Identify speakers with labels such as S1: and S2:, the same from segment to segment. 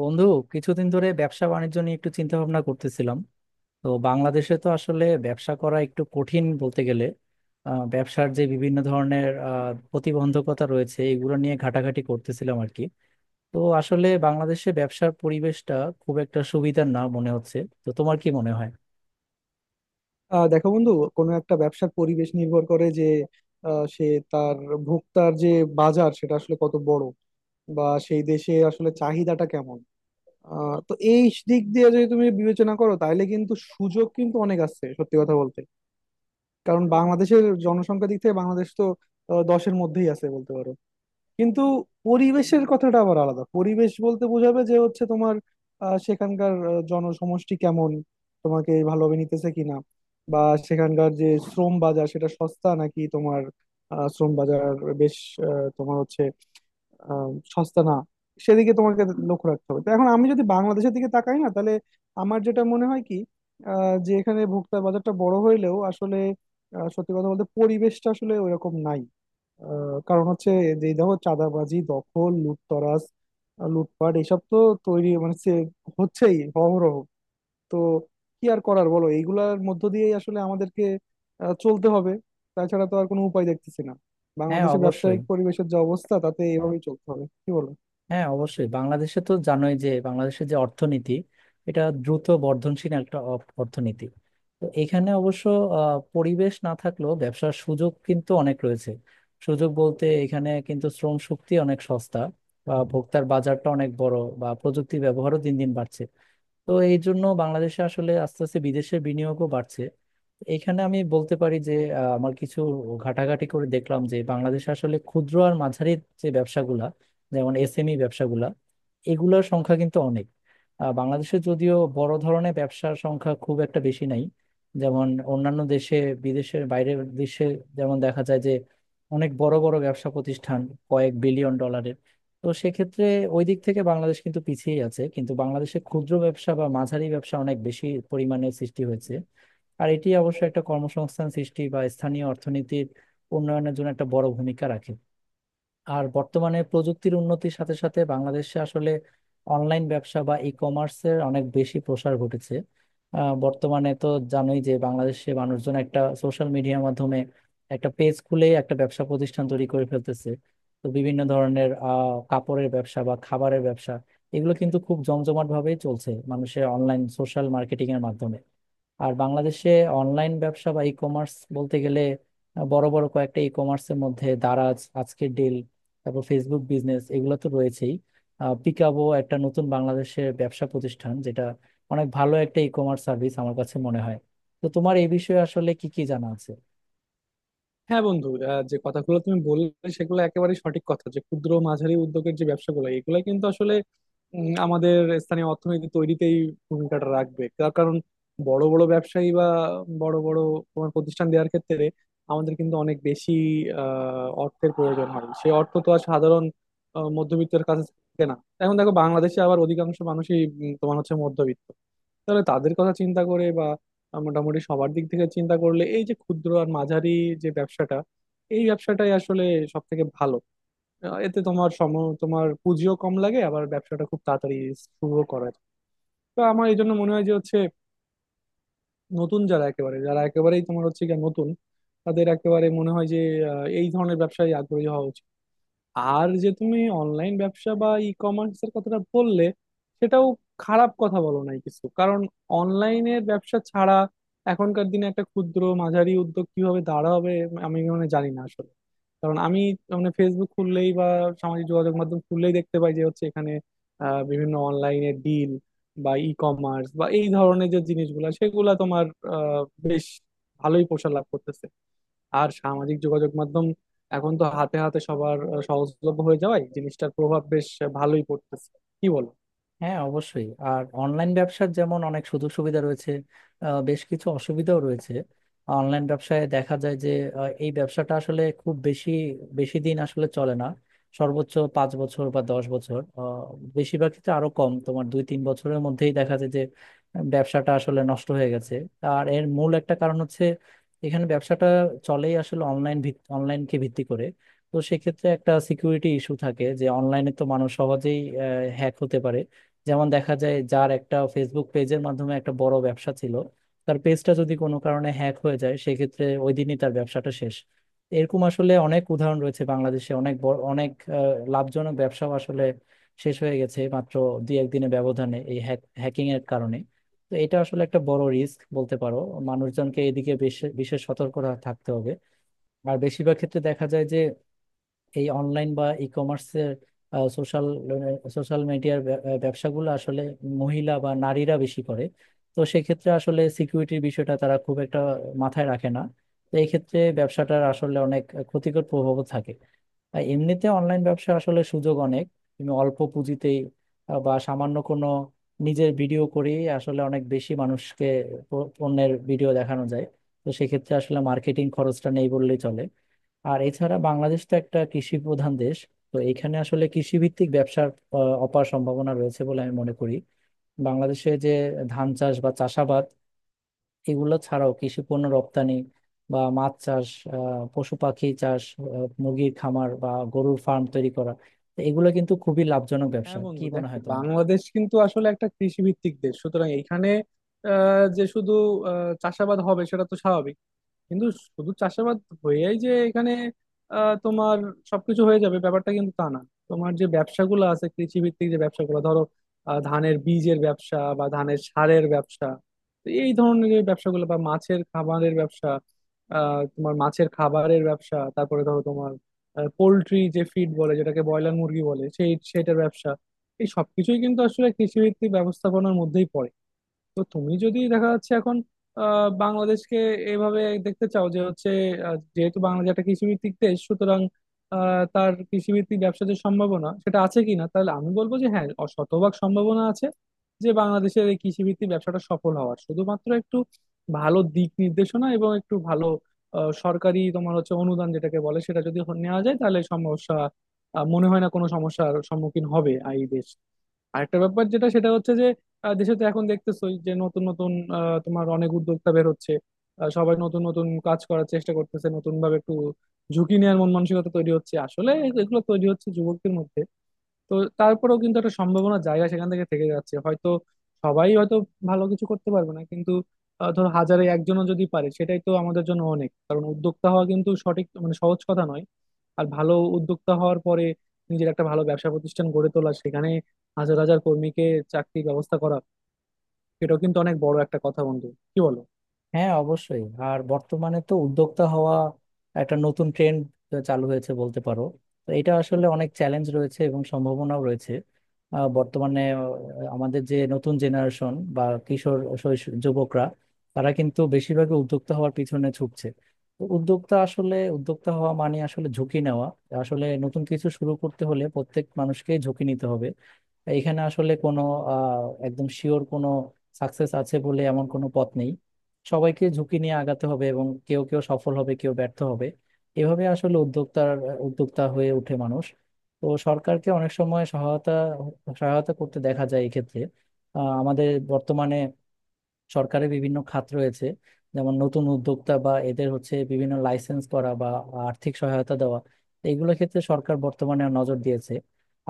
S1: বন্ধু, কিছুদিন ধরে ব্যবসা বাণিজ্য নিয়ে একটু চিন্তা ভাবনা করতেছিলাম। তো বাংলাদেশে তো আসলে ব্যবসা করা একটু কঠিন বলতে গেলে। ব্যবসার যে বিভিন্ন ধরনের প্রতিবন্ধকতা রয়েছে, এগুলো নিয়ে ঘাটাঘাটি করতেছিলাম আর কি। তো আসলে বাংলাদেশে ব্যবসার পরিবেশটা খুব একটা সুবিধার না মনে হচ্ছে। তো তোমার কি মনে হয়?
S2: দেখো বন্ধু, কোনো একটা ব্যবসার পরিবেশ নির্ভর করে যে আহ, সে তার ভোক্তার যে বাজার সেটা আসলে কত বড় বা সেই দেশে আসলে চাহিদাটা কেমন। তো এই দিক দিয়ে যদি তুমি বিবেচনা করো তাহলে কিন্তু সুযোগ কিন্তু অনেক আছে সত্যি কথা বলতে। কারণ বাংলাদেশের জনসংখ্যা দিক থেকে বাংলাদেশ তো দশের মধ্যেই আছে বলতে পারো। কিন্তু পরিবেশের কথাটা আবার আলাদা, পরিবেশ বলতে বোঝাবে যে হচ্ছে তোমার সেখানকার জনসমষ্টি কেমন, তোমাকে ভালোভাবে নিতেছে কিনা, বা সেখানকার যে শ্রম বাজার সেটা সস্তা নাকি তোমার শ্রম বাজার বেশ আহ, তোমার হচ্ছে আহ, সস্তা না, সেদিকে তোমাকে লক্ষ্য রাখতে হবে। তো এখন আমি যদি বাংলাদেশের দিকে তাকাই না, তাহলে আমার যেটা মনে হয় কি, যে এখানে ভোক্তা বাজারটা বড় হইলেও আসলে সত্যি কথা বলতে পরিবেশটা আসলে ওইরকম নাই। কারণ হচ্ছে, যেই দেখো চাঁদাবাজি, দখল, লুটতরাজ, লুটপাট, এসব তো তৈরি মানে সে- হচ্ছেই অহরহ। তো কি আর করার বলো, এইগুলার মধ্য দিয়েই আসলে আমাদেরকে চলতে হবে, তাছাড়া তো আর কোনো উপায় দেখতেছি না।
S1: হ্যাঁ,
S2: বাংলাদেশের
S1: অবশ্যই।
S2: ব্যবসায়িক পরিবেশের যে অবস্থা তাতে এভাবেই চলতে হবে, কি বলো?
S1: হ্যাঁ, অবশ্যই, বাংলাদেশে তো জানোই যে বাংলাদেশের যে অর্থনীতি, এটা দ্রুত বর্ধনশীল একটা অর্থনীতি। তো এখানে অবশ্য পরিবেশ না থাকলেও ব্যবসার সুযোগ কিন্তু অনেক রয়েছে। সুযোগ বলতে এখানে কিন্তু শ্রম শক্তি অনেক সস্তা, বা ভোক্তার বাজারটা অনেক বড়, বা প্রযুক্তির ব্যবহারও দিন দিন বাড়ছে। তো এই জন্য বাংলাদেশে আসলে আস্তে আস্তে বিদেশের বিনিয়োগও বাড়ছে। এখানে আমি বলতে পারি যে আমার কিছু ঘাটাঘাটি করে দেখলাম যে বাংলাদেশে আসলে ক্ষুদ্র আর মাঝারি যে ব্যবসাগুলা, যেমন এসএমই ব্যবসাগুলা, এগুলোর সংখ্যা কিন্তু অনেক। বাংলাদেশে যদিও বড় ধরনের ব্যবসার সংখ্যা খুব একটা বেশি নাই, যেমন অন্যান্য দেশে, বিদেশের বাইরের দেশে, যেমন দেখা যায় যে অনেক বড় বড় ব্যবসা প্রতিষ্ঠান কয়েক বিলিয়ন ডলারের। তো সেক্ষেত্রে ওই দিক থেকে বাংলাদেশ কিন্তু পিছিয়ে আছে, কিন্তু বাংলাদেশে ক্ষুদ্র ব্যবসা বা মাঝারি ব্যবসা অনেক বেশি পরিমাণে সৃষ্টি হয়েছে। আর এটি অবশ্য একটা কর্মসংস্থান সৃষ্টি বা স্থানীয় অর্থনীতির উন্নয়নের জন্য একটা বড় ভূমিকা রাখে। আর বর্তমানে প্রযুক্তির উন্নতির সাথে সাথে বাংলাদেশে আসলে অনলাইন ব্যবসা বা ই কমার্সের অনেক বেশি প্রসার ঘটেছে। বর্তমানে তো জানোই যে বাংলাদেশে মানুষজন একটা সোশ্যাল মিডিয়ার মাধ্যমে একটা পেজ খুলে একটা ব্যবসা প্রতিষ্ঠান তৈরি করে ফেলতেছে। তো বিভিন্ন ধরনের কাপড়ের ব্যবসা বা খাবারের ব্যবসা, এগুলো কিন্তু খুব জমজমাট ভাবেই চলছে মানুষের অনলাইন সোশ্যাল মার্কেটিং এর মাধ্যমে। আর বাংলাদেশে অনলাইন ব্যবসা বা ই কমার্স বলতে গেলে বড় বড় কয়েকটা ই কমার্সের মধ্যে দারাজ, আজকের ডিল, তারপর ফেসবুক বিজনেস, এগুলো তো রয়েছেই। পিকাবো একটা নতুন বাংলাদেশের ব্যবসা প্রতিষ্ঠান, যেটা অনেক ভালো একটা ই কমার্স সার্ভিস আমার কাছে মনে হয়। তো তোমার এই বিষয়ে আসলে কি কি জানা আছে?
S2: হ্যাঁ বন্ধু, যে কথাগুলো তুমি বললে সেগুলো একেবারে সঠিক কথা, যে ক্ষুদ্র মাঝারি উদ্যোগের যে ব্যবসাগুলো এগুলো কিন্তু আসলে আমাদের স্থানীয় অর্থনীতি তৈরিতেই ভূমিকাটা রাখবে। তার কারণ, বড় বড় ব্যবসায়ী বা বড় বড় তোমার প্রতিষ্ঠান দেওয়ার ক্ষেত্রে আমাদের কিন্তু অনেক বেশি অর্থের প্রয়োজন হয়, সেই অর্থ তো আর সাধারণ মধ্যবিত্তের কাছে থাকে না। এখন দেখো বাংলাদেশে আবার অধিকাংশ মানুষই তোমার হচ্ছে মধ্যবিত্ত। তাহলে তাদের কথা চিন্তা করে বা মোটামুটি সবার দিক থেকে চিন্তা করলে এই যে ক্ষুদ্র আর মাঝারি যে ব্যবসাটা, এই ব্যবসাটাই আসলে সব থেকে ভালো। আহ, এতে তোমার সম তোমার পুঁজিও কম লাগে, আবার ব্যবসাটা খুব তাড়াতাড়ি শুরু করা যায়। তো আমার এই জন্য মনে হয় যে হচ্ছে, নতুন যারা একেবারেই তোমার হচ্ছে গিয়ে নতুন, তাদের একেবারে মনে হয় যে এই ধরনের ব্যবসায় আগ্রহী হওয়া উচিত। আর যে তুমি অনলাইন ব্যবসা বা ই কমার্স এর কথাটা বললে, সেটাও খারাপ কথা বলো নাই কিছু। কারণ অনলাইনের ব্যবসা ছাড়া এখনকার দিনে একটা ক্ষুদ্র মাঝারি উদ্যোগ কিভাবে দাঁড়াবে আমি মানে জানি না আসলে। কারণ আমি মানে ফেসবুক খুললেই বা সামাজিক যোগাযোগ মাধ্যম খুললেই দেখতে পাই যে হচ্ছে এখানে বিভিন্ন অনলাইনে ডিল বা ই কমার্স বা এই ধরনের যে জিনিসগুলা সেগুলা তোমার আহ, বেশ ভালোই প্রসার লাভ করতেছে। আর সামাজিক যোগাযোগ মাধ্যম এখন তো হাতে হাতে সবার সহজলভ্য হয়ে যাওয়ায় জিনিসটার প্রভাব বেশ ভালোই পড়তেছে, কি বলো?
S1: হ্যাঁ, অবশ্যই। আর অনলাইন ব্যবসার যেমন অনেক সুযোগ সুবিধা রয়েছে, বেশ কিছু অসুবিধাও রয়েছে। অনলাইন ব্যবসায় দেখা যায় যে এই ব্যবসাটা আসলে খুব বেশি বেশি দিন আসলে চলে না। সর্বোচ্চ 5 বছর বা 10 বছর, বেশিরভাগ ক্ষেত্রে আরো কম, তোমার দুই তিন বছরের মধ্যেই দেখা যায় যে ব্যবসাটা আসলে নষ্ট হয়ে গেছে। আর এর মূল একটা কারণ হচ্ছে এখানে ব্যবসাটা চলেই আসলে অনলাইনকে ভিত্তি করে। তো সেক্ষেত্রে একটা সিকিউরিটি ইস্যু থাকে, যে অনলাইনে তো মানুষ সহজেই হ্যাক হতে পারে। যেমন দেখা যায় যার একটা ফেসবুক পেজের মাধ্যমে একটা বড় ব্যবসা ছিল, তার পেজটা যদি কোনো কারণে হ্যাক হয়ে যায়, সেক্ষেত্রে ওই দিনই তার ব্যবসাটা শেষ। এরকম আসলে অনেক উদাহরণ রয়েছে বাংলাদেশে, অনেক বড় অনেক লাভজনক ব্যবসাও আসলে শেষ হয়ে গেছে মাত্র দুই একদিনের ব্যবধানে এই হ্যাকিং এর কারণে। তো এটা আসলে একটা বড় রিস্ক বলতে পারো। মানুষজনকে এদিকে বিশেষ বিশেষ সতর্ক থাকতে হবে। আর বেশিরভাগ ক্ষেত্রে দেখা যায় যে এই অনলাইন বা ই কমার্সের সোশ্যাল সোশ্যাল মিডিয়ার ব্যবসাগুলো আসলে মহিলা বা নারীরা বেশি করে। তো সেক্ষেত্রে আসলে সিকিউরিটির বিষয়টা তারা খুব একটা মাথায় রাখে না। তো এই ক্ষেত্রে ব্যবসাটার আসলে অনেক ক্ষতিকর প্রভাবও থাকে। আর এমনিতে অনলাইন ব্যবসা আসলে সুযোগ অনেক, তুমি অল্প পুঁজিতেই বা সামান্য কোনো নিজের ভিডিও করেই আসলে অনেক বেশি মানুষকে পণ্যের ভিডিও দেখানো যায়। তো সেক্ষেত্রে আসলে মার্কেটিং খরচটা নেই বললেই চলে। আর এছাড়া বাংলাদেশ তো একটা কৃষি প্রধান দেশ, তো এখানে আসলে কৃষি ভিত্তিক ব্যবসার অপার সম্ভাবনা রয়েছে বলে আমি মনে করি। বাংলাদেশে যে ধান চাষ বা চাষাবাদ, এগুলো ছাড়াও কৃষি পণ্য রপ্তানি, বা মাছ চাষ, পশু পাখি চাষ, মুরগির খামার বা গরুর ফার্ম তৈরি করা, তো এগুলো কিন্তু খুবই লাভজনক ব্যবসা।
S2: হ্যাঁ
S1: কি
S2: বন্ধু,
S1: মনে
S2: দেখো
S1: হয় তোমার?
S2: বাংলাদেশ কিন্তু আসলে একটা কৃষি ভিত্তিক দেশ, সুতরাং এইখানে আহ, যে শুধু আহ, চাষাবাদ হবে সেটা তো স্বাভাবিক। কিন্তু শুধু চাষাবাদ হয়েই যে এখানে তোমার সবকিছু হয়ে যাবে ব্যাপারটা কিন্তু তা না। তোমার যে ব্যবসাগুলো আছে কৃষি ভিত্তিক, যে ব্যবসাগুলো ধরো ধানের বীজের ব্যবসা বা ধানের সারের ব্যবসা, তো এই ধরনের যে ব্যবসাগুলো বা মাছের খাবারের ব্যবসা, তারপরে ধরো তোমার পোল্ট্রি যে ফিড বলে, যেটাকে ব্রয়লার মুরগি বলে, সেটার ব্যবসা, এই সবকিছুই কিন্তু আসলে কৃষিভিত্তিক ব্যবস্থাপনার মধ্যেই পড়ে। তো তুমি যদি দেখা যাচ্ছে এখন বাংলাদেশকে এইভাবে দেখতে চাও যে হচ্ছে যেহেতু বাংলাদেশ একটা কৃষিভিত্তিক দেশ, সুতরাং তার কৃষিভিত্তিক ব্যবসার যে সম্ভাবনা সেটা আছে কিনা, তাহলে আমি বলবো যে হ্যাঁ, শতভাগ সম্ভাবনা আছে যে বাংলাদেশের এই কৃষিভিত্তিক ব্যবসাটা সফল হওয়ার। শুধুমাত্র একটু ভালো দিক নির্দেশনা এবং একটু ভালো সরকারি তোমার হচ্ছে অনুদান যেটাকে বলে, সেটা যদি নেওয়া যায় তাহলে সমস্যা, মনে হয় না কোনো সমস্যার সম্মুখীন হবে এই দেশ। আরেকটা ব্যাপার যেটা, সেটা হচ্ছে যে দেশে তো এখন দেখতেছোই যে নতুন নতুন তোমার অনেক উদ্যোক্তা বের হচ্ছে। সবাই নতুন নতুন কাজ করার চেষ্টা করতেছে, নতুন ভাবে একটু ঝুঁকি নেওয়ার মন মানসিকতা তৈরি হচ্ছে আসলে, এগুলো তৈরি হচ্ছে যুবকদের মধ্যে। তো তারপরেও কিন্তু একটা সম্ভাবনা জায়গা সেখান থেকে থেকে যাচ্ছে। হয়তো সবাই হয়তো ভালো কিছু করতে পারবে না, কিন্তু ধরো হাজারে একজনও যদি পারে সেটাই তো আমাদের জন্য অনেক। কারণ উদ্যোক্তা হওয়া কিন্তু সঠিক মানে সহজ কথা নয়। আর ভালো উদ্যোক্তা হওয়ার পরে নিজের একটা ভালো ব্যবসা প্রতিষ্ঠান গড়ে তোলা, সেখানে হাজার হাজার কর্মীকে চাকরির ব্যবস্থা করা, এটাও কিন্তু অনেক বড় একটা কথা বন্ধু, কি বলো?
S1: হ্যাঁ, অবশ্যই। আর বর্তমানে তো উদ্যোক্তা হওয়া একটা নতুন ট্রেন্ড চালু হয়েছে বলতে পারো। তো এটা আসলে অনেক চ্যালেঞ্জ রয়েছে এবং সম্ভাবনাও রয়েছে। বর্তমানে আমাদের যে নতুন জেনারেশন বা কিশোর শৈশব যুবকরা, তারা কিন্তু বেশিরভাগই উদ্যোক্তা হওয়ার পিছনে ঝুঁকছে। তো উদ্যোক্তা হওয়া মানে আসলে ঝুঁকি নেওয়া। আসলে নতুন কিছু শুরু করতে হলে প্রত্যেক মানুষকেই ঝুঁকি নিতে হবে। এইখানে আসলে কোনো একদম শিওর কোনো সাকসেস আছে বলে এমন কোনো পথ নেই। সবাইকে ঝুঁকি নিয়ে আগাতে হবে এবং কেউ কেউ সফল হবে, কেউ ব্যর্থ হবে। এভাবে আসলে উদ্যোক্তা হয়ে ওঠে মানুষ। তো সরকারকে অনেক সময় সহায়তা সহায়তা করতে দেখা যায় এক্ষেত্রে। আমাদের বর্তমানে সরকারের বিভিন্ন খাত রয়েছে, যেমন নতুন উদ্যোক্তা বা এদের হচ্ছে বিভিন্ন লাইসেন্স করা বা আর্থিক সহায়তা দেওয়া, এইগুলোর ক্ষেত্রে সরকার বর্তমানে নজর দিয়েছে।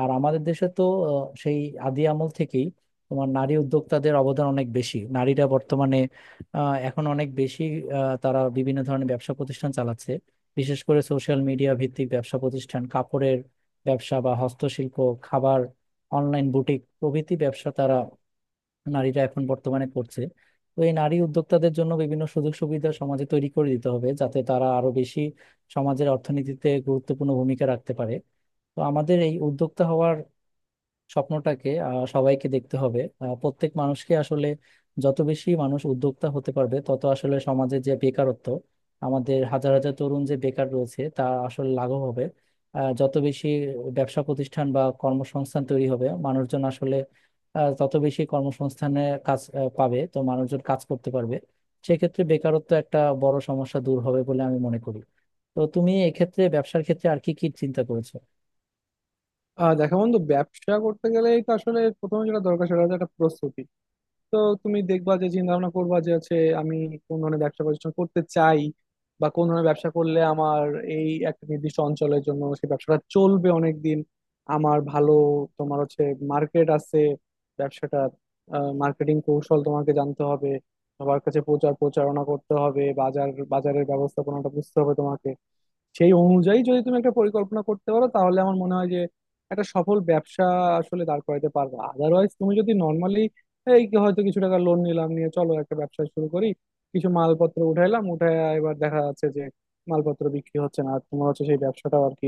S1: আর আমাদের দেশে তো আহ, সেই আদি আমল থেকেই তোমার নারী উদ্যোক্তাদের অবদান অনেক বেশি। নারীরা বর্তমানে এখন অনেক বেশি, তারা বিভিন্ন ধরনের ব্যবসা প্রতিষ্ঠান চালাচ্ছে। বিশেষ করে সোশ্যাল মিডিয়া ভিত্তিক ব্যবসা প্রতিষ্ঠান, কাপড়ের ব্যবসা বা হস্তশিল্প, খাবার, অনলাইন বুটিক প্রভৃতি ব্যবসা তারা, নারীরা এখন বর্তমানে করছে। তো এই নারী উদ্যোক্তাদের জন্য বিভিন্ন সুযোগ সুবিধা সমাজে তৈরি করে দিতে হবে, যাতে তারা আরো বেশি সমাজের অর্থনীতিতে গুরুত্বপূর্ণ ভূমিকা রাখতে পারে। তো আমাদের এই উদ্যোক্তা হওয়ার স্বপ্নটাকে সবাইকে দেখতে হবে, প্রত্যেক মানুষকে আসলে। যত বেশি মানুষ উদ্যোক্তা হতে পারবে, তত আসলে সমাজে যে বেকারত্ব, আমাদের হাজার হাজার তরুণ যে বেকার রয়েছে, তা আসলে লাঘব হবে। যত বেশি ব্যবসা প্রতিষ্ঠান বা কর্মসংস্থান তৈরি হবে, মানুষজন আসলে তত বেশি কর্মসংস্থানে কাজ পাবে। তো মানুষজন কাজ করতে পারবে, সেক্ষেত্রে বেকারত্ব একটা বড় সমস্যা দূর হবে বলে আমি মনে করি। তো তুমি এক্ষেত্রে ব্যবসার ক্ষেত্রে আর কি কি চিন্তা করেছো?
S2: দেখো বন্ধু, ব্যবসা করতে গেলেই তো আসলে প্রথমে যেটা দরকার সেটা হচ্ছে একটা প্রস্তুতি। তো তুমি দেখবা যে চিন্তা ভাবনা করবা যে হচ্ছে, আমি কোন ধরনের ব্যবসা প্রতিষ্ঠান করতে চাই, বা কোন ধরনের ব্যবসা করলে আমার এই একটা নির্দিষ্ট অঞ্চলের জন্য সেই ব্যবসাটা চলবে অনেক দিন। আমার ভালো তোমার হচ্ছে মার্কেট আছে ব্যবসাটা, মার্কেটিং কৌশল তোমাকে জানতে হবে, সবার কাছে প্রচার প্রচারণা করতে হবে, বাজারের ব্যবস্থাপনাটা বুঝতে হবে তোমাকে। সেই অনুযায়ী যদি তুমি একটা পরিকল্পনা করতে পারো তাহলে আমার মনে হয় যে একটা সফল ব্যবসা আসলে দাঁড় করাতে পারবে। আদারওয়াইজ তুমি যদি নর্মালি এই কি হয়তো কিছু টাকা লোন নিলাম, নিয়ে চলো একটা ব্যবসা শুরু করি, কিছু মালপত্র উঠায় এবার দেখা যাচ্ছে যে মালপত্র বিক্রি হচ্ছে না, আর তোমার হচ্ছে সেই ব্যবসাটাও আর কি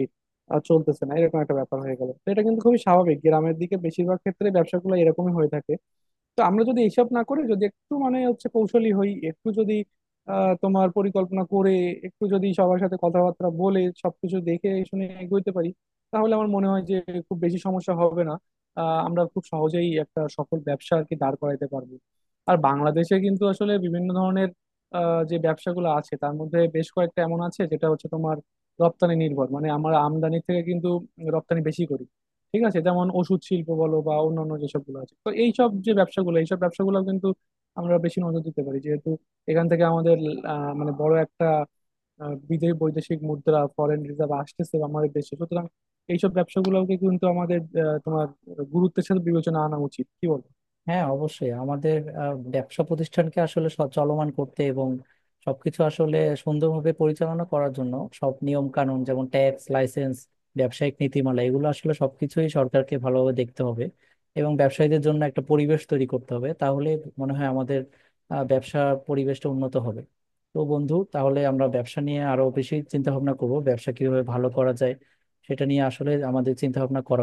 S2: চলতেছে না, এরকম একটা ব্যাপার হয়ে গেল। তো এটা কিন্তু খুবই স্বাভাবিক, গ্রামের দিকে বেশিরভাগ ক্ষেত্রে ব্যবসাগুলো এরকমই হয়ে থাকে। তো আমরা যদি এইসব না করে যদি একটু মানে হচ্ছে কৌশলী হই, একটু যদি তোমার পরিকল্পনা করে, একটু যদি সবার সাথে কথাবার্তা বলে সবকিছু দেখে শুনে এগোতে পারি, তাহলে আমার মনে হয় যে খুব বেশি সমস্যা হবে না, আমরা খুব সহজেই একটা সফল ব্যবসা আর কি দাঁড় করাইতে পারবো। আর বাংলাদেশে কিন্তু আসলে বিভিন্ন ধরনের যে ব্যবসাগুলো আছে তার মধ্যে বেশ কয়েকটা এমন আছে যেটা হচ্ছে তোমার রপ্তানি নির্ভর, মানে আমরা আমদানি থেকে কিন্তু রপ্তানি বেশি করি। ঠিক আছে, যেমন ওষুধ শিল্প বলো বা অন্যান্য যেসবগুলো আছে, তো এইসব যে ব্যবসাগুলো, এইসব ব্যবসাগুলো কিন্তু আমরা বেশি নজর দিতে পারি। যেহেতু এখান থেকে আমাদের আহ, মানে বড় একটা আহ, বিদেশি বৈদেশিক মুদ্রা ফরেন রিজার্ভ আসতেছে আমাদের দেশে, সুতরাং এইসব ব্যবসাগুলোকে কিন্তু আমাদের তোমার গুরুত্বের সাথে বিবেচনা আনা উচিত, কি বল?
S1: হ্যাঁ, অবশ্যই। আমাদের ব্যবসা প্রতিষ্ঠানকে আসলে চলমান করতে এবং সবকিছু আসলে সুন্দরভাবে পরিচালনা করার জন্য সব নিয়ম কানুন, যেমন ট্যাক্স, লাইসেন্স, ব্যবসায়িক নীতিমালা, এগুলো আসলে সবকিছুই সরকারকে ভালোভাবে দেখতে হবে এবং ব্যবসায়ীদের জন্য একটা পরিবেশ তৈরি করতে হবে। তাহলে মনে হয় আমাদের ব্যবসা পরিবেশটা উন্নত হবে। তো বন্ধু, তাহলে আমরা ব্যবসা নিয়ে আরো বেশি চিন্তা ভাবনা করবো, ব্যবসা কিভাবে ভালো করা যায় সেটা নিয়ে আসলে আমাদের চিন্তা ভাবনা করা।